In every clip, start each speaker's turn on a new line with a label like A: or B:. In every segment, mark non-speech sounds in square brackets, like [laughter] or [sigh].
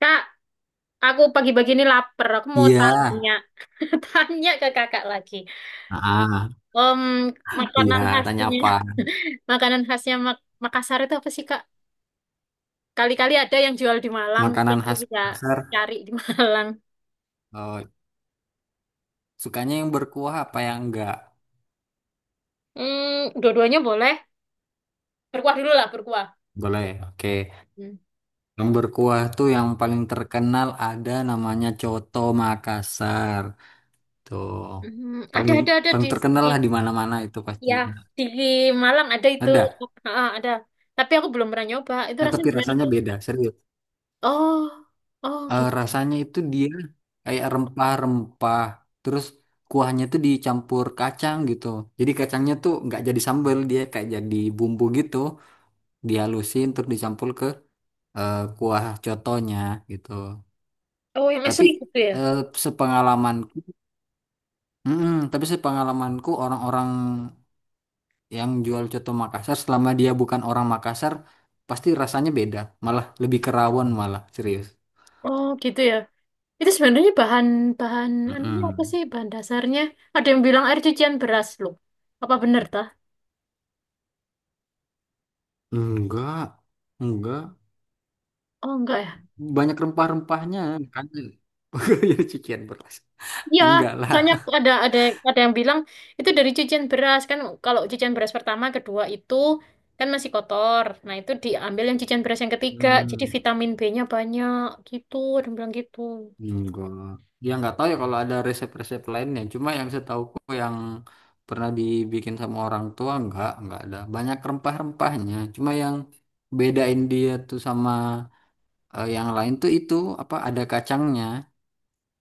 A: Kak, aku pagi-pagi ini lapar. Aku mau
B: Iya.
A: tanya, [laughs] tanya ke kakak lagi.
B: Ah,
A: Em,
B: iya,
A: makanan
B: tanya
A: khasnya,
B: apa?
A: [laughs] makanan khasnya Makassar itu apa sih, Kak? Kali-kali ada yang jual di Malang, mungkin
B: Makanan
A: aku
B: khas
A: bisa
B: Makassar.
A: cari di [laughs] Malang.
B: Oh, sukanya yang berkuah apa yang enggak?
A: Hmm, dua-duanya boleh. Berkuah dulu lah, berkuah.
B: Boleh. Oke.
A: Hmm.
B: Yang berkuah tuh yang paling terkenal ada namanya Coto Makassar. Tuh.
A: Hmm, ada,
B: Paling
A: ada, ada
B: paling
A: di,
B: terkenal
A: di,
B: lah di mana-mana itu pasti.
A: ya, di Malang ada itu.
B: Ada.
A: Ah, ada. Tapi aku belum pernah nyoba. Itu
B: Nah,
A: rasanya
B: tapi
A: gimana,
B: rasanya
A: Kak?
B: beda, serius.
A: Oh, oh gitu.
B: Rasanya itu dia kayak rempah-rempah. Terus kuahnya tuh dicampur kacang gitu. Jadi kacangnya tuh nggak jadi sambal, dia kayak jadi bumbu gitu. Dihalusin untuk dicampur ke kuah cotonya gitu.
A: Oh, yang
B: Tapi
A: asli gitu ya?
B: eh, sepengalaman, Mm-mm, tapi sepengalamanku orang-orang yang jual coto Makassar selama dia bukan orang Makassar pasti rasanya beda, malah lebih kerawon malah serius.
A: Oh, gitu ya. Itu sebenarnya bahan bahan anunya apa
B: Mm-mm.
A: sih bahan dasarnya? Ada yang bilang air cucian beras loh. Apa bener tah?
B: Enggak, enggak.
A: Oh enggak ya.
B: Banyak rempah-rempahnya, makanya [laughs] jadi cucian beras.
A: Iya,
B: Enggak lah.
A: soalnya ada yang bilang itu dari cucian beras kan kalau cucian beras pertama, kedua itu kan masih kotor. Nah, itu diambil yang cucian beras yang ketiga. Jadi
B: Hmm.
A: vitamin B-nya banyak gitu, ada yang bilang gitu.
B: Gua ya nggak tahu ya kalau ada resep-resep lainnya. Cuma yang setauku yang pernah dibikin sama orang tua nggak ada. Banyak rempah-rempahnya. Cuma yang bedain dia tuh sama yang lain tuh itu apa ada kacangnya.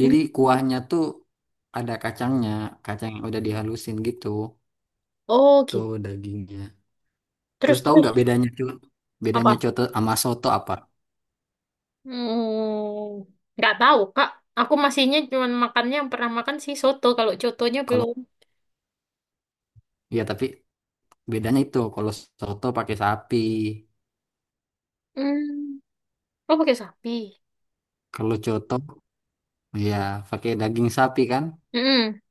A: Mm.
B: Jadi kuahnya tuh ada kacangnya, kacang yang udah dihalusin gitu.
A: Oh, gitu.
B: Tuh dagingnya.
A: Terus
B: Terus tahu
A: terus
B: nggak bedanya tuh? Bedanya
A: apa?
B: coto sama soto apa?
A: Hmm, nggak tahu, Kak. Aku masihnya cuma makannya yang pernah makan sih soto. Kalau cotonya
B: Kalau
A: belum.
B: ya tapi bedanya itu kalau soto pakai sapi,
A: Hmm. Oh, pakai sapi.
B: kalau coto iya, pakai daging sapi kan?
A: Mm-mm.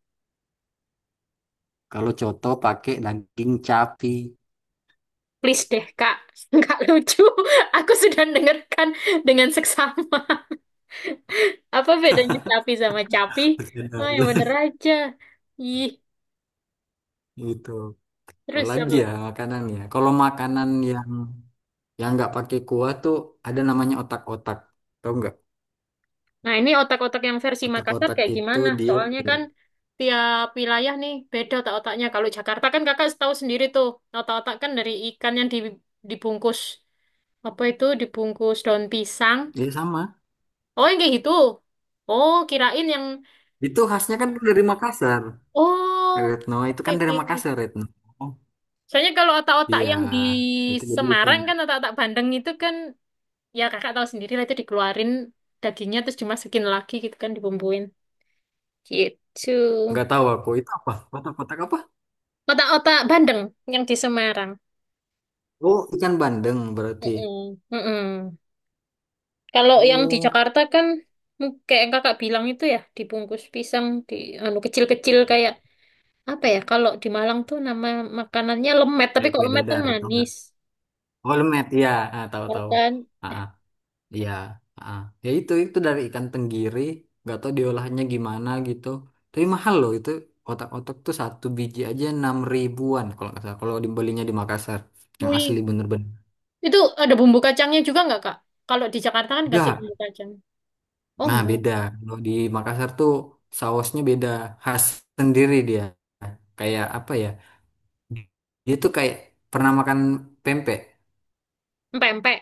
B: Kalau coto pakai daging capi.
A: Please deh, Kak. [laughs] Nggak lucu. Aku sudah dengarkan dengan seksama. [laughs] Apa bedanya sapi sama capi? Oh, yang bener
B: [laughs]
A: aja. Ih,
B: Gitu.
A: terus apa
B: Apalagi ya
A: lagi?
B: makanan ya. Kalau makanan yang nggak pakai kuah tuh ada namanya otak-otak. Tahu nggak?
A: Nah, ini otak-otak yang versi Makassar
B: Otak-otak
A: kayak
B: itu
A: gimana?
B: dia
A: Soalnya kan tiap wilayah nih beda otak-otaknya. Kalau Jakarta kan kakak tahu sendiri tuh. Otak-otak kan dari ikan yang dibungkus. Apa itu? Dibungkus daun pisang.
B: dia sama.
A: Oh, yang kayak gitu. Oh, kirain yang
B: Itu khasnya kan dari Makassar.
A: oh,
B: Retno itu
A: oke
B: kan dari
A: oke.
B: Makassar Retno. Oh,
A: Soalnya kalau otak-otak
B: iya,
A: yang di
B: itu jadi bukan.
A: Semarang kan otak-otak bandeng itu kan ya kakak tahu sendiri lah itu dikeluarin dagingnya terus dimasukin lagi gitu kan dibumbuin. Gitu.
B: Nggak tahu aku itu apa? Otak-otak apa?
A: Otak-otak bandeng yang di Semarang.
B: Oh, ikan bandeng berarti.
A: Mm-mm, mm-mm. Kalau yang di
B: Oh,
A: Jakarta kan kayak yang kakak bilang itu ya dibungkus pisang di anu kecil-kecil kayak apa ya kalau di Malang tuh nama makanannya lemet tapi
B: kayak
A: kok
B: kue
A: lemet kan
B: dadar. Tahu nggak?
A: manis.
B: Holmet ya ah,
A: Ya
B: tahu-tahu
A: kan?
B: ah ah, iya ah. Ah. Ya itu dari ikan tenggiri nggak tahu diolahnya gimana gitu tapi mahal loh itu otak-otak tuh satu biji aja 6 ribuan kalau nggak salah kalau dibelinya di Makassar yang asli
A: Wih.
B: bener-bener
A: Itu ada bumbu kacangnya juga nggak, Kak? Kalau di Jakarta kan kasih bumbu
B: enggak
A: kacang. Oh,
B: nah
A: enggak.
B: beda kalau di Makassar tuh sausnya beda khas sendiri dia kayak apa ya dia tuh kayak pernah makan pempek
A: Empek-empek.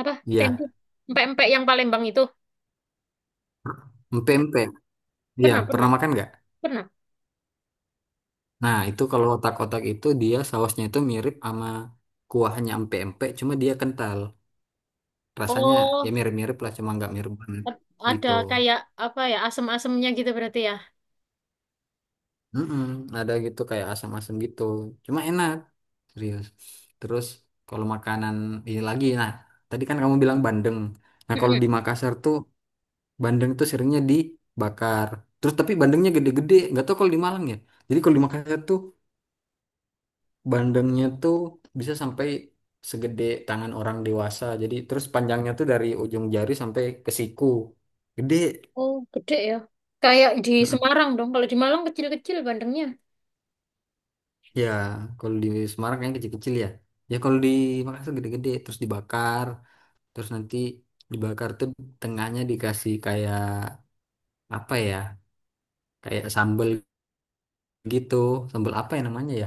A: Apa? Tempe.
B: iya,
A: Empek-empek yang Palembang itu.
B: pempek. Iya,
A: Pernah,
B: pernah
A: pernah.
B: makan nggak?
A: Pernah.
B: Nah, itu kalau otak-otak itu dia sausnya itu mirip sama kuahnya empek-empek, cuma dia kental. Rasanya ya
A: Oh,
B: mirip-mirip lah, cuma nggak mirip banget
A: a- ada
B: gitu.
A: kayak apa ya, asem-asemnya gitu berarti ya.
B: Mm-mm, ada gitu kayak asam-asam gitu. Cuma enak, serius. Terus kalau makanan ini lagi, nah tadi kan kamu bilang bandeng. Nah kalau
A: Mm-mm.
B: di Makassar tuh bandeng tuh seringnya dibakar. Terus tapi bandengnya gede-gede, nggak tahu kalau di Malang ya. Jadi kalau di Makassar tuh bandengnya tuh bisa sampai segede tangan orang dewasa. Jadi terus panjangnya tuh dari ujung jari sampai ke siku. Gede.
A: Oh, gede ya. Kayak di
B: Mm-mm.
A: Semarang dong. Kalau di Malang kecil-kecil bandengnya.
B: Ya, kalau di Semarang yang kecil-kecil ya. Ya kalau di Makassar gede-gede terus dibakar, terus nanti dibakar tuh tengahnya dikasih kayak apa ya? Kayak sambel gitu. Sambel apa ya namanya ya?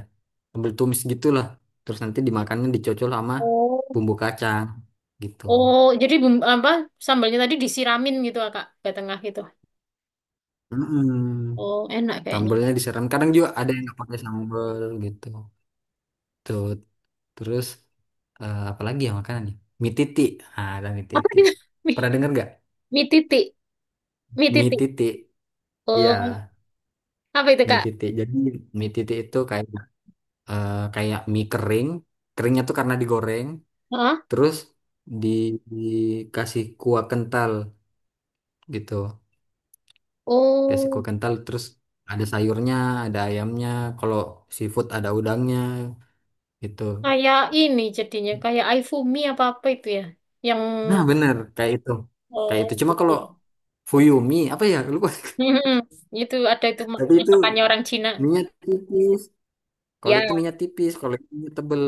B: Sambel tumis gitulah. Terus nanti dimakannya dicocol sama
A: Oh.
B: bumbu kacang gitu.
A: Oh, jadi bumbu, apa sambalnya tadi disiramin gitu, ah, Kak, ke tengah gitu.
B: Mm-mm.
A: Oh, enak kayaknya.
B: Sambelnya disiram. Kadang juga ada yang nggak pakai sambel gitu. Tuh. Terus apa lagi ya makanannya? Mie titik. Ah, ada mie
A: Apa
B: titik.
A: gitu? [laughs] Mie,
B: Pernah dengar nggak?
A: mie titik. Mie
B: Mie
A: titik.
B: titik. Iya,
A: Oh, apa itu,
B: mie
A: Kak?
B: titik. Jadi mie titik itu kayak kayak mie kering. Keringnya tuh karena digoreng.
A: Hah?
B: Terus di, dikasih kuah kental gitu. Kasih
A: Oh,
B: kuah kental. Terus ada sayurnya, ada ayamnya. Kalau seafood ada udangnya gitu.
A: kayak ini jadinya kayak iFumi apa apa itu ya, yang
B: Nah, bener kayak itu. Kayak
A: oh
B: itu. Cuma
A: gitu.
B: kalau Fuyumi apa ya? Lupa.
A: Hmm, itu ada itu
B: [laughs] Tapi itu
A: masakannya orang Cina.
B: minyak tipis. Kalau itu
A: Ya.
B: minyak tipis, kalau itu minyak tebel.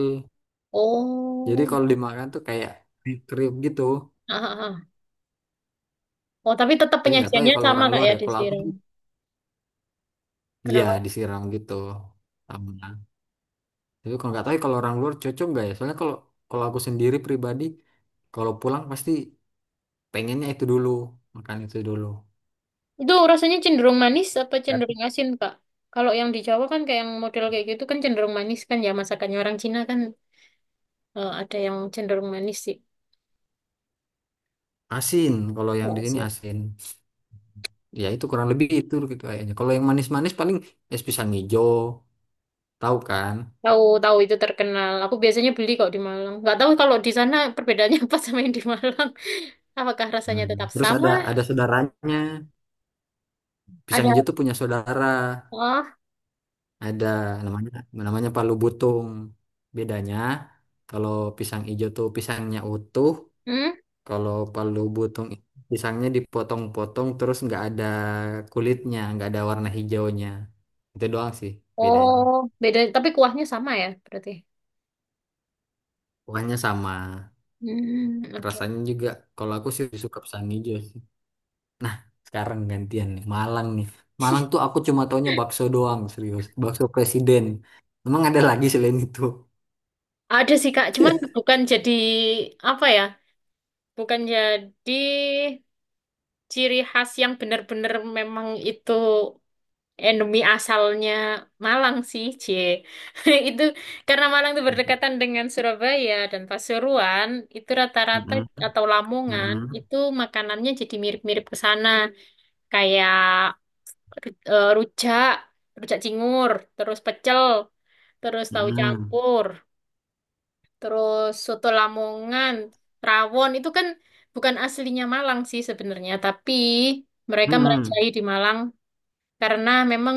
B: Jadi
A: Oh.
B: kalau dimakan tuh kayak dikriuk gitu.
A: Ah, ah, ah. Oh, tapi tetap
B: Tapi nggak tahu ya
A: penyajiannya
B: kalau
A: sama
B: orang
A: kak
B: luar
A: ya
B: ya.
A: di
B: Kalau aku
A: sini.
B: ya
A: Kenapa?
B: disiram gitu. Sama. Tapi kalau nggak tahu ya kalau orang luar cocok nggak ya? Soalnya kalau kalau aku sendiri pribadi, kalau pulang pasti pengennya itu dulu, makan itu dulu.
A: Itu rasanya cenderung manis atau
B: Kan
A: cenderung asin kak? Kalau yang di Jawa kan kayak yang model kayak gitu kan cenderung manis kan ya masakannya orang Cina kan ada yang cenderung manis sih.
B: asin, kalau yang
A: Oh,
B: di sini
A: asin.
B: asin. Ya itu kurang lebih itu gitu kayaknya. Kalau yang manis-manis paling es pisang hijau, tahu kan?
A: Tahu tahu itu terkenal. Aku biasanya beli kok di Malang. Nggak tahu kalau di sana perbedaannya [laughs] apa sama yang di Malang. Apakah rasanya tetap
B: Hmm. Terus
A: sama?
B: ada saudaranya. Pisang
A: Ada
B: hijau tuh punya saudara.
A: oh,
B: Ada namanya namanya Palu Butung. Bedanya kalau pisang hijau tuh pisangnya utuh,
A: hmm?
B: kalau Palu Butung itu pisangnya dipotong-potong terus nggak ada kulitnya, nggak ada warna hijaunya. Itu doang sih bedanya.
A: Oh, beda. Tapi kuahnya sama ya berarti.
B: Pokoknya sama.
A: Hmm, oke.
B: Rasanya juga kalau aku sih suka pisang hijau. Nah, sekarang gantian nih. Malang nih. Malang tuh aku cuma taunya bakso doang, serius. Bakso presiden. Emang ada lagi selain itu?
A: Ada sih Kak, cuman bukan jadi apa ya? Bukan jadi ciri khas yang benar-benar memang itu endemi asalnya Malang sih, C. [laughs] Itu karena Malang itu berdekatan dengan Surabaya dan Pasuruan, itu rata-rata
B: Mm-mm,
A: atau Lamongan
B: mm-mm,
A: itu makanannya jadi mirip-mirip ke sana. Kayak rujak, rujak cingur, terus pecel, terus tahu
B: mm-mm,
A: campur, terus soto Lamongan, rawon itu kan bukan aslinya Malang sih sebenarnya, tapi mereka
B: mm-mm.
A: merajai di Malang karena memang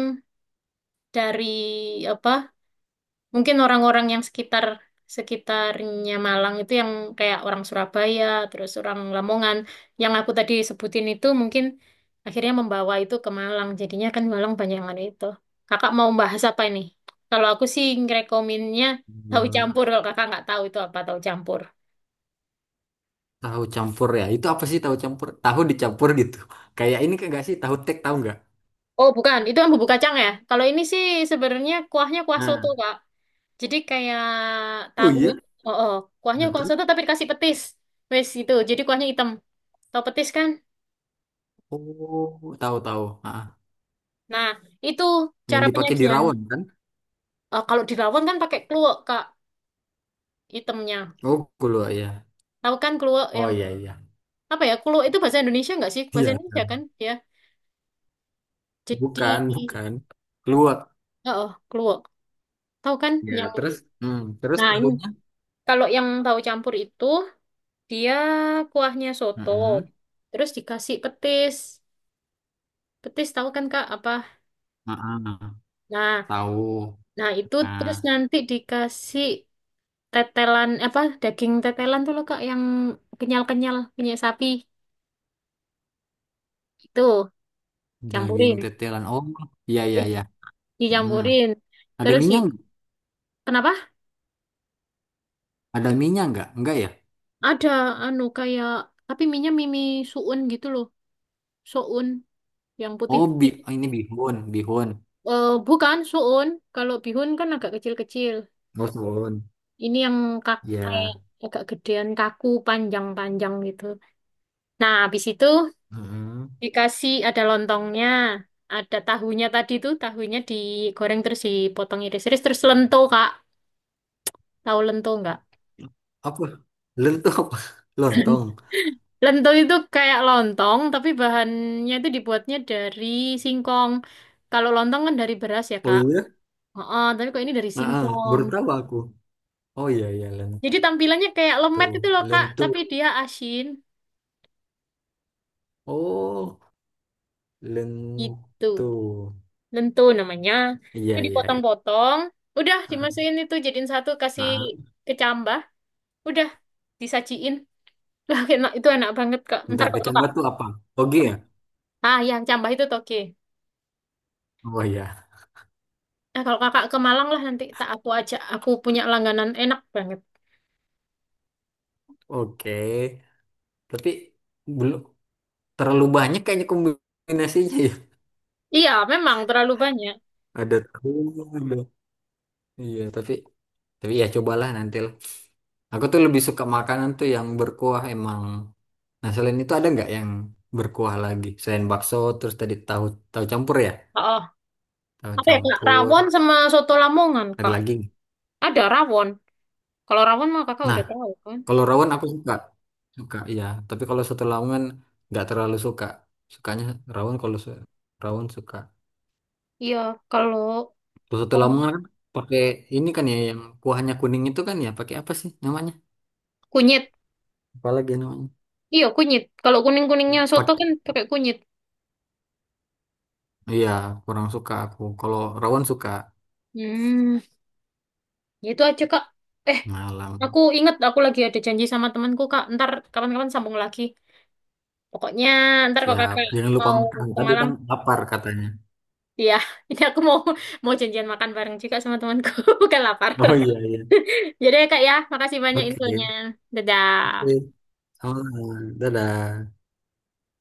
A: dari apa mungkin orang-orang yang sekitarnya Malang itu yang kayak orang Surabaya, terus orang Lamongan, yang aku tadi sebutin itu mungkin akhirnya membawa itu ke Malang. Jadinya kan Malang banyak yang ada itu. Kakak mau bahas apa ini? Kalau aku sih ngerekominnya tahu
B: Mm.
A: campur. Kalau kakak nggak tahu itu apa tahu campur.
B: Tahu campur ya. Itu apa sih tahu campur? Tahu dicampur gitu. Kayak ini kan nggak sih? Tahu tek tahu nggak?
A: Oh, bukan. Itu yang bubuk kacang ya. Kalau ini sih sebenarnya kuahnya kuah soto,
B: Nah,
A: Kak. Jadi kayak
B: oh
A: tahu.
B: iya.
A: Oh, oh. Kuahnya
B: Nah.
A: kuah
B: Terus
A: soto tapi dikasih petis. Wes gitu. Jadi kuahnya hitam. Tahu petis kan?
B: oh tahu tahu. Ah,
A: Nah, itu
B: yang
A: cara
B: dipakai di
A: penyajian.
B: rawon kan?
A: Eh, kalau di rawon kan pakai kluwek, Kak, hitamnya.
B: Oh, keluar ya.
A: Tahu kan kluwek
B: Oh
A: yang
B: iya iya.
A: apa ya? Kluwek itu bahasa Indonesia nggak sih? Bahasa
B: Iya.
A: Indonesia
B: Kan?
A: kan, ya. Jadi,
B: Bukan, bukan. Keluar.
A: oh, oh, kluwek. Tahu kan
B: Ya,
A: yang
B: terus
A: nah, ini
B: tahunya.
A: kalau yang tahu campur itu dia kuahnya soto,
B: Heeh.
A: terus dikasih petis. Petis tahu kan Kak apa?
B: Heeh.
A: Nah,
B: Tahu
A: nah itu terus
B: ah
A: nanti dikasih tetelan apa daging tetelan tuh loh Kak yang kenyal-kenyal punya sapi itu
B: daging
A: campurin.
B: tetelan. Oh, iya iya iya. Heeh.
A: Dicampurin.
B: Ada
A: Terus di,
B: minyak, nggak?
A: kenapa?
B: Ada minyak nggak? Enggak ya?
A: Ada anu kayak tapi minyak mimi suun gitu loh. Suun yang
B: Oh,
A: putih-putih.
B: oh, ini bihun, bihun.
A: Eh bukan suun, kalau bihun kan agak kecil-kecil.
B: Oh, bihun.
A: Ini yang kak kayak
B: Ya.
A: agak gedean kaku panjang-panjang gitu. Nah, habis itu
B: Heeh.
A: dikasih ada lontongnya, ada tahunya tadi tuh, tahunya digoreng terus dipotong iris-iris terus lento, Kak. Tahu lento nggak?
B: Apa? Lentok apa? [laughs] Lontong.
A: Lento itu kayak lontong tapi bahannya itu dibuatnya dari singkong. Kalau lontong kan dari beras ya,
B: Oh
A: Kak.
B: iya.
A: Heeh, tapi kok ini dari
B: Heeh,
A: singkong.
B: baru tahu aku. Oh iya iya lentu.
A: Jadi tampilannya kayak lemet itu loh, Kak,
B: Lentu.
A: tapi dia asin
B: Oh,
A: gitu.
B: lentu.
A: Lentur namanya.
B: Iya
A: Itu
B: iya iya.
A: dipotong-potong, udah
B: Heeh.
A: dimasukin itu jadiin satu kasih
B: Heeh.
A: kecambah, udah disajiin. Lah enak itu enak banget Kak. Ntar
B: Ntar
A: kalau
B: kecambah
A: Kakak
B: tuh apa? Oke ya?
A: ah yang cambah itu toge.
B: Oh iya.
A: Nah, kalau Kakak ke Malang lah nanti tak aku ajak. Aku punya langganan enak banget.
B: Oke. Tapi belum terlalu banyak kayaknya kombinasinya ya.
A: Iya, memang terlalu banyak.
B: Ada tahu, ada. Iya, tapi ya cobalah nanti lah. Aku tuh lebih suka makanan tuh yang berkuah emang. Nah, selain itu ada nggak yang berkuah lagi? Selain bakso, terus tadi tahu tahu campur ya?
A: Oh,
B: Tahu
A: apa ya Kak?
B: campur.
A: Rawon sama soto Lamongan
B: Ada
A: Kak.
B: lagi nggak?
A: Ada rawon. Kalau rawon mah Kakak
B: Nah,
A: udah tahu kan?
B: kalau rawon aku suka. Suka, iya. Tapi kalau soto Lamongan nggak terlalu suka. Sukanya rawon rawon suka.
A: Iya, kalau
B: Soto Lamongan kan pakai ini kan ya yang kuahnya kuning itu kan ya pakai apa sih namanya?
A: kunyit.
B: Apalagi namanya?
A: Iya, kunyit. Kalau kuning-kuningnya soto
B: Pakai
A: kan pakai kunyit.
B: iya kurang suka aku. Kalau rawon suka
A: Hmm. Ya Itu aja, Kak. Eh, aku
B: malam.
A: inget aku lagi ada janji sama temanku, Kak. Ntar kapan-kapan sambung lagi. Pokoknya ntar kalau
B: Siap.
A: Kakak
B: Jangan lupa
A: mau
B: makan.
A: ke
B: Tadi
A: Malang,
B: kan lapar katanya.
A: iya. [laughs] Ini aku mau mau janjian makan bareng juga sama temanku. [laughs] Bukan lapar.
B: Oh iya iya.
A: [laughs] Jadi ya, Kak ya, makasih banyak
B: Oke.
A: infonya.
B: Oke.
A: Dadah.
B: Sama. Dadah.